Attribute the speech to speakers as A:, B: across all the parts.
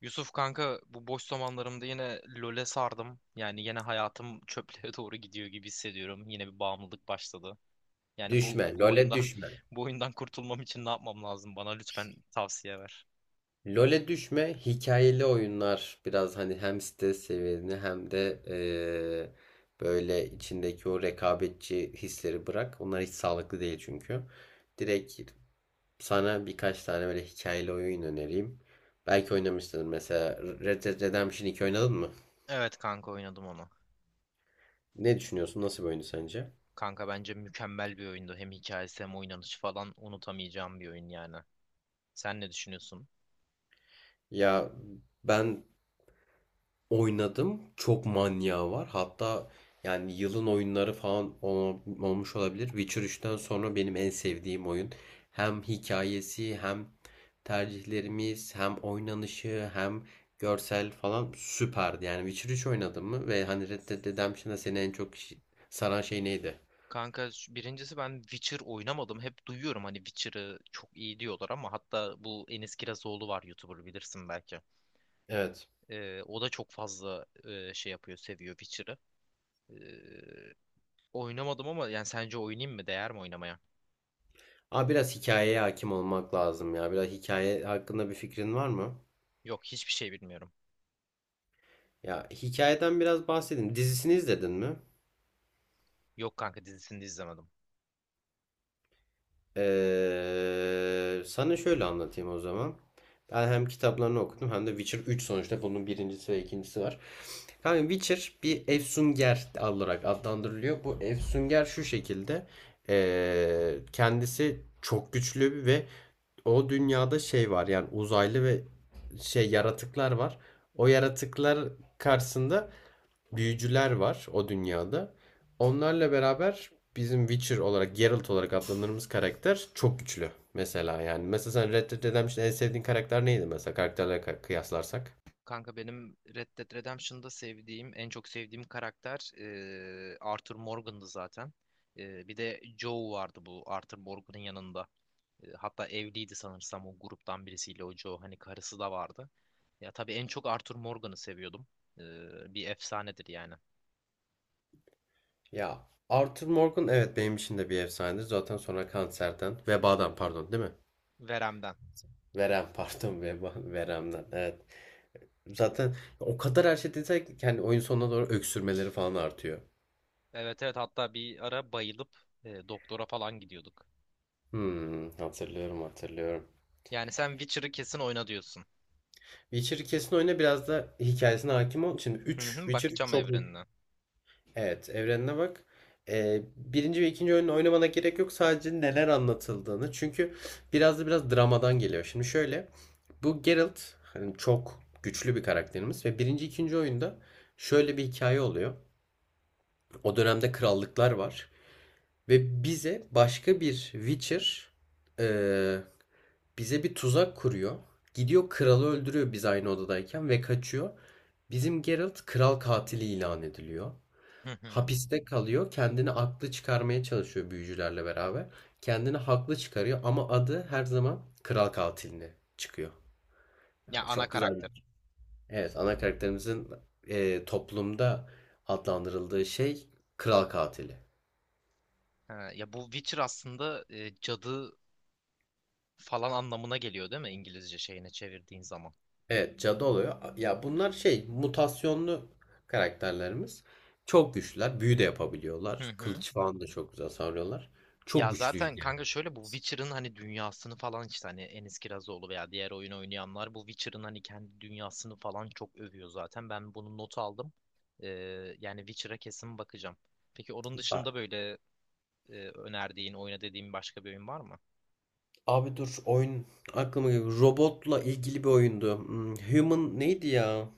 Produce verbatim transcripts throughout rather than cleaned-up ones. A: Yusuf kanka bu boş zamanlarımda yine LoL'e sardım. Yani yine hayatım çöplüğe doğru gidiyor gibi hissediyorum. Yine bir bağımlılık başladı. Yani bu
B: Düşme,
A: bu
B: LoL'e
A: oyundan
B: düşme.
A: bu oyundan kurtulmam için ne yapmam lazım? Bana lütfen tavsiye ver.
B: LoL'e düşme, hikayeli oyunlar biraz hani hem stres seviyeni hem de eee, böyle içindeki o rekabetçi hisleri bırak. Onlar hiç sağlıklı değil çünkü. Direkt sana birkaç tane böyle hikayeli oyun önereyim. Belki oynamışsındır, mesela Red Dead Redemption iki oynadın mı?
A: Evet kanka oynadım onu.
B: Ne düşünüyorsun? Nasıl bir oyundu sence?
A: Kanka bence mükemmel bir oyundu. Hem hikayesi hem oynanışı falan unutamayacağım bir oyun yani. Sen ne düşünüyorsun?
B: Ya ben oynadım. Çok manyağı var. Hatta yani yılın oyunları falan ol- olmuş olabilir. Witcher üçten sonra benim en sevdiğim oyun. Hem hikayesi hem tercihlerimiz hem oynanışı hem görsel falan süperdi. Yani Witcher üç oynadın mı? Ve hani Red Dead Redemption'da seni en çok şi- saran şey neydi?
A: Kanka şu- birincisi ben Witcher oynamadım. Hep duyuyorum hani Witcher'ı çok iyi diyorlar ama hatta bu Enis Kirazoğlu var, YouTuber, bilirsin belki.
B: Evet.
A: Ee, o da çok fazla e, şey yapıyor, seviyor Witcher'ı. Ee, Oynamadım ama yani sence oynayayım mı? Değer mi oynamaya?
B: Ama biraz hikayeye hakim olmak lazım ya. Biraz hikaye hakkında bir fikrin var mı?
A: Yok, hiçbir şey bilmiyorum.
B: Ya hikayeden biraz bahsedin. Dizisini izledin mi?
A: Yok kanka, dizisini de izlemedim.
B: Ee, sana şöyle anlatayım o zaman. Ben hem kitaplarını okudum hem de Witcher üç, sonuçta bunun birincisi ve ikincisi var. Kanka Witcher bir efsunger olarak adlandırılıyor. Bu efsunger şu şekilde. Ee, kendisi çok güçlü ve o dünyada şey var, yani uzaylı ve şey yaratıklar var. O yaratıklar karşısında büyücüler var o dünyada. Onlarla beraber bizim Witcher olarak, Geralt olarak adlandırdığımız karakter çok güçlü. Mesela yani. Mesela sen Red Dead Redemption'da en sevdiğin karakter neydi, mesela karakterlere kıyaslarsak?
A: Kanka benim Red Dead Redemption'da sevdiğim, en çok sevdiğim karakter e, Arthur Morgan'dı zaten. E, bir de Joe vardı bu Arthur Morgan'ın yanında. E, hatta evliydi sanırsam o gruptan birisiyle o Joe. Hani karısı da vardı. Ya tabii en çok Arthur Morgan'ı seviyordum. E, Bir efsanedir yani.
B: Ya Arthur Morgan, evet benim için de bir efsanedir. Zaten sonra kanserden, vebadan pardon, değil mi?
A: Verem'den.
B: Verem pardon, veba, veremden evet. Zaten o kadar her şey desek, yani oyun sonuna doğru öksürmeleri falan artıyor.
A: Evet, evet, hatta bir ara bayılıp e, doktora falan gidiyorduk.
B: Hmm, hatırlıyorum hatırlıyorum.
A: Yani sen Witcher'ı kesin oyna diyorsun.
B: Witcher'ı kesin oyna, biraz da hikayesine hakim ol. Şimdi
A: Hı
B: üç
A: hı,
B: Witcher
A: bakacağım
B: çok büyük.
A: evrenine.
B: Evet, evrenine bak. Ee, birinci ve ikinci oyunu oynamana gerek yok. Sadece neler anlatıldığını. Çünkü biraz da biraz dramadan geliyor. Şimdi şöyle. Bu Geralt hani çok güçlü bir karakterimiz. Ve birinci ikinci oyunda şöyle bir hikaye oluyor. O dönemde krallıklar var. Ve bize başka bir Witcher e, bize bir tuzak kuruyor. Gidiyor kralı öldürüyor biz aynı odadayken ve kaçıyor. Bizim Geralt kral katili ilan ediliyor.
A: Hı hı.
B: Hapiste kalıyor. Kendini aklı çıkarmaya çalışıyor büyücülerle beraber. Kendini haklı çıkarıyor ama adı her zaman kral katiline çıkıyor.
A: Ya
B: Yani
A: ana
B: çok güzel bir
A: karakter.
B: şey. Evet, ana karakterimizin e, toplumda adlandırıldığı şey kral katili.
A: Ha, ya bu Witcher aslında e, cadı falan anlamına geliyor değil mi, İngilizce şeyine çevirdiğin zaman?
B: Evet, cadı oluyor. Ya bunlar şey mutasyonlu karakterlerimiz. Çok güçlüler. Büyü de
A: Hı
B: yapabiliyorlar.
A: hı.
B: Kılıç falan da çok güzel savuruyorlar. Çok
A: Ya zaten
B: güçlüydü yani.
A: kanka şöyle, bu Witcher'ın hani dünyasını falan işte, hani Enis Kirazoğlu veya diğer oyun oynayanlar bu Witcher'ın hani kendi dünyasını falan çok övüyor zaten. Ben bunu not aldım. Ee, Yani Witcher'a kesin bakacağım. Peki onun
B: Bak,
A: dışında böyle e, önerdiğin, oyna dediğin başka bir oyun var mı?
B: abi dur, oyun aklıma geliyor. Robotla ilgili bir oyundu. Hmm, Human neydi ya?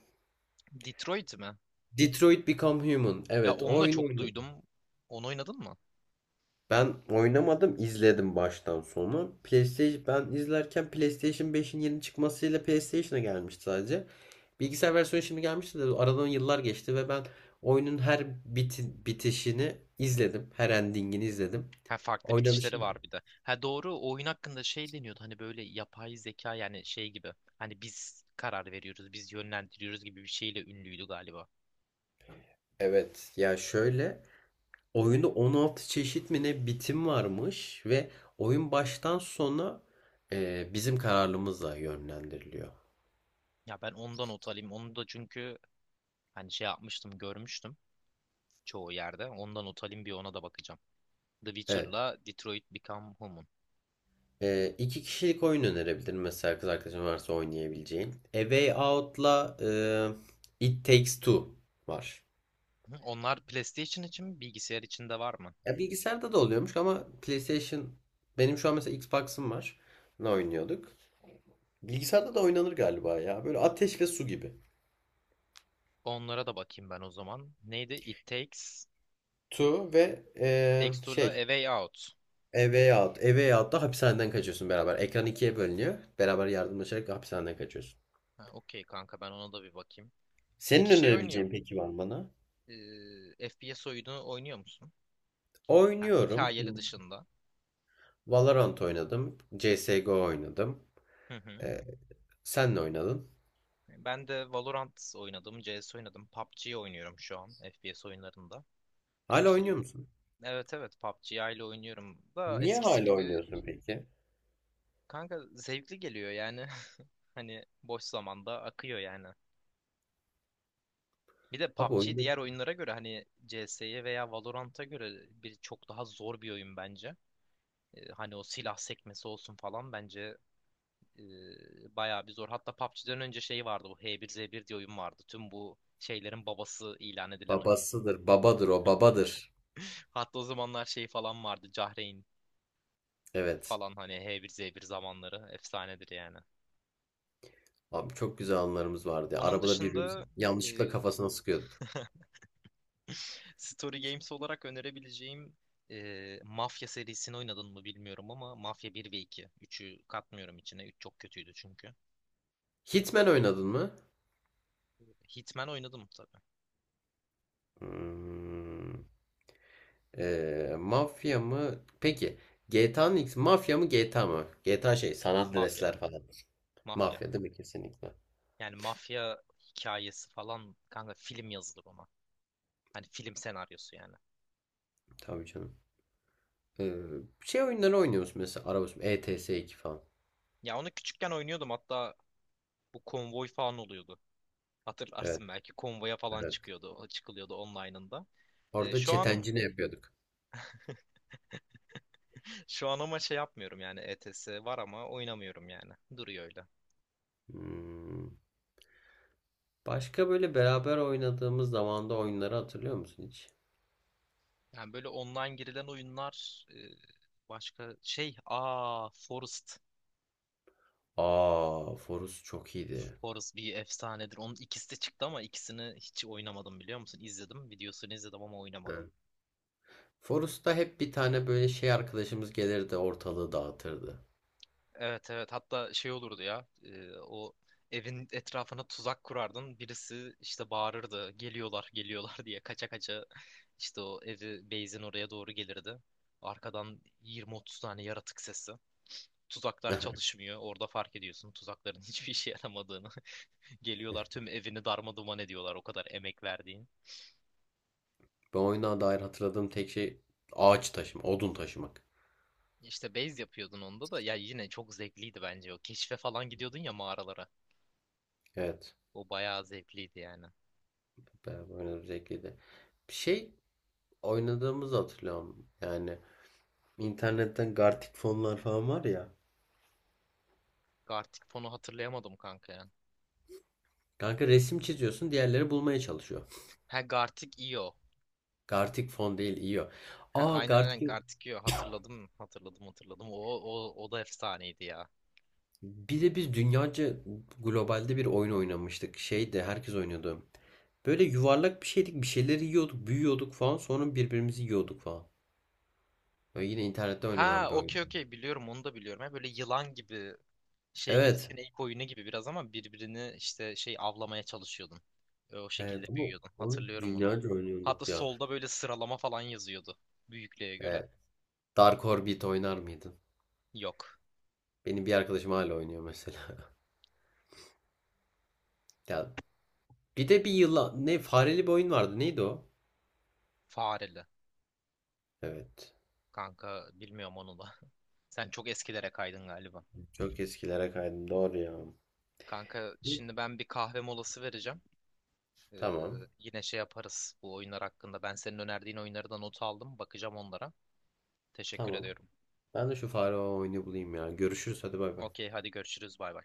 A: Detroit mi?
B: Detroit Become Human.
A: Ya
B: Evet, o
A: onu da
B: oyunu
A: çok
B: oynadım.
A: duydum. Onu oynadın mı?
B: Ben oynamadım, izledim baştan sona. PlayStation, ben izlerken PlayStation beşin yeni çıkmasıyla PlayStation'a gelmişti sadece. Bilgisayar versiyonu şimdi gelmişti de aradan yıllar geçti ve ben oyunun her biti- bitişini izledim. Her endingini izledim.
A: Ha, farklı bitişleri
B: Oynanışını.
A: var bir de. Ha doğru, o oyun hakkında şey deniyordu, hani böyle yapay zeka yani şey gibi. Hani biz karar veriyoruz, biz yönlendiriyoruz gibi bir şeyle ünlüydü galiba.
B: Evet ya şöyle, oyunda on altı çeşit mi ne bitim varmış ve oyun baştan sona e, bizim kararlılığımızla yönlendiriliyor.
A: Ya ben ondan not alayım. Onu da, çünkü hani şey yapmıştım, görmüştüm çoğu yerde. Ondan not alayım, bir ona da bakacağım. The
B: Evet.
A: Witcher'la Detroit Become Human.
B: Ee, iki kişilik oyun önerebilirim mesela, kız arkadaşın varsa oynayabileceğin. A Way Out'la e, It Takes Two var.
A: Hı, onlar PlayStation için mi, bilgisayar için de var mı?
B: Ya bilgisayarda da oluyormuş ama PlayStation, benim şu an mesela Xbox'ım var. Ne oynuyorduk? Bilgisayarda da oynanır galiba ya. Böyle ateş ve su gibi.
A: Onlara da bakayım ben o zaman. Neydi? It Takes.
B: Two ve
A: It
B: e,
A: Takes Two'la
B: şey
A: A Way Out.
B: A Way Out. A Way Out'ta hapishaneden kaçıyorsun beraber. Ekran ikiye bölünüyor. Beraber yardımlaşarak hapishaneden kaçıyorsun.
A: Ha, okey kanka, ben ona da bir bakayım.
B: Senin
A: Peki şey oynuyor.
B: önerebileceğin peki var mı bana?
A: Ee, F P S oyunu oynuyor musun? Ha,
B: Oynuyorum.
A: hikayeli dışında.
B: Valorant oynadım. C S G O oynadım.
A: Hı hı.
B: Ee, Sen ne oynadın?
A: Ben de Valorant oynadım, C S oynadım, P U B G oynuyorum şu an F P S oyunlarında. Ee,
B: Hala
A: işte
B: oynuyor musun?
A: evet, evet, P U B G ile oynuyorum da
B: Niye
A: eskisi
B: hala
A: gibi
B: oynuyorsun peki?
A: kanka zevkli geliyor yani. Hani boş zamanda akıyor yani. Bir de
B: Abi
A: P U B G
B: oyunda
A: diğer oyunlara göre, hani C S'ye veya Valorant'a göre bir çok daha zor bir oyun bence. Ee, hani o silah sekmesi olsun falan, bence e, bayağı bir zor. Hatta P U B G'den önce şey vardı, bu H bir Z bir diye oyun vardı. Tüm bu şeylerin babası ilan edilen oyun.
B: babasıdır, babadır o, babadır.
A: Hatta o zamanlar şey falan vardı, Cahreyn
B: Evet.
A: falan, hani H bir Z bir zamanları efsanedir yani.
B: Abi çok güzel anılarımız vardı ya.
A: Onun
B: Arabada birbirimizi
A: dışında
B: yanlışlıkla
A: e,
B: kafasına sıkıyorduk.
A: Story Games olarak önerebileceğim e, Mafya serisini oynadın mı bilmiyorum ama Mafya bir ve iki, üçü katmıyorum içine. Üç çok kötüydü çünkü.
B: Hitman oynadın mı?
A: Hitman oynadım tabii.
B: Hmm, ee, mafya mı? Peki. G T A'nın X, mafya mı G T A mı? G T A şey, sanat
A: Mafya.
B: Andreas'ler falan.
A: Mafya.
B: Mafya değil mi kesinlikle?
A: Yani mafya hikayesi falan, kanka film yazılır ona. Hani film senaryosu yani.
B: Tabii canım. Ee, Şey oyunları oynuyoruz, mesela araba sürme- E T S iki falan.
A: Ya onu küçükken oynuyordum, hatta bu konvoy falan oluyordu.
B: Evet,
A: Hatırlarsın belki, konvoya falan
B: evet.
A: çıkıyordu. O çıkılıyordu online'ında. E,
B: Orada
A: şu an
B: çetencini yapıyorduk.
A: şu an ama şey yapmıyorum yani, E T S var ama oynamıyorum yani. Duruyor öyle.
B: Hmm. Başka böyle beraber oynadığımız zamanda oyunları hatırlıyor musun hiç?
A: Yani böyle online girilen oyunlar, e, başka şey, aa, Forest.
B: Aa, Forus çok iyiydi.
A: Forest bir efsanedir. Onun ikisi de çıktı ama ikisini hiç oynamadım, biliyor musun? İzledim. Videosunu izledim ama oynamadım.
B: Evet. Forus'ta hep bir tane böyle şey arkadaşımız gelirdi, ortalığı dağıtırdı.
A: Evet, evet, hatta şey olurdu ya, e, o evin etrafına tuzak kurardın. Birisi işte bağırırdı, geliyorlar geliyorlar diye, kaça kaça işte o evi, base'in oraya doğru gelirdi. Arkadan yirmi otuz tane yaratık sesi. Tuzaklar çalışmıyor. Orada fark ediyorsun tuzakların hiçbir işe yaramadığını. Geliyorlar, tüm evini darmaduman ediyorlar, o kadar emek verdiğin.
B: Ben oyuna dair hatırladığım tek şey ağaç taşıma, odun taşımak.
A: İşte base yapıyordun onda da, ya yine çok zevkliydi bence o. Keşfe falan gidiyordun ya, mağaralara.
B: Evet.
A: O bayağı zevkliydi yani.
B: Beraber oynadığımız zevkliydi. Bir şey oynadığımızı hatırlıyorum. Yani İnternetten Gartic fonlar falan var ya.
A: Gartic fonu hatırlayamadım kanka ya.
B: Kanka resim çiziyorsun, diğerleri bulmaya çalışıyor.
A: Ha, Gartic Io.
B: Gartic fon değil, iyi o.
A: Ha,
B: Aa
A: aynen, aynen,
B: Gartic,
A: Gartic Io, hatırladım, hatırladım, hatırladım. O, o, o da efsaneydi ya.
B: bir de biz dünyaca globalde bir oyun oynamıştık. Şey de herkes oynuyordu. Böyle yuvarlak bir şeydik, bir şeyleri yiyorduk, büyüyorduk falan. Sonra birbirimizi yiyorduk falan. Böyle yine internette oynanan
A: Ha,
B: bir
A: okey,
B: oyun.
A: okey, biliyorum, onu da biliyorum. Ha, böyle yılan gibi, şey gibi,
B: Evet.
A: sinek oyunu gibi biraz ama birbirini işte şey avlamaya çalışıyordun. Ve o şekilde
B: Evet ama
A: büyüyordun.
B: onu
A: Hatırlıyorum onu.
B: dünyaca
A: Hatta
B: oynuyorduk ya.
A: solda böyle sıralama falan yazıyordu. Büyüklüğe göre.
B: Evet. Dark Orbit oynar mıydın?
A: Yok.
B: Benim bir arkadaşım hala oynuyor mesela. Ya bir de bir yılan ne fareli bir oyun vardı. Neydi o?
A: Fareli.
B: Evet.
A: Kanka bilmiyorum onu da. Sen çok eskilere kaydın galiba.
B: Çok eskilere kaydım. Doğru ya.
A: Kanka şimdi ben bir kahve molası vereceğim. Ee,
B: Tamam.
A: Yine şey yaparız bu oyunlar hakkında. Ben senin önerdiğin oyunları da not aldım. Bakacağım onlara. Teşekkür
B: Tamam.
A: ediyorum.
B: Ben de şu fare oyunu bulayım ya. Görüşürüz. Hadi bay bay.
A: Okey, hadi görüşürüz, bay bay.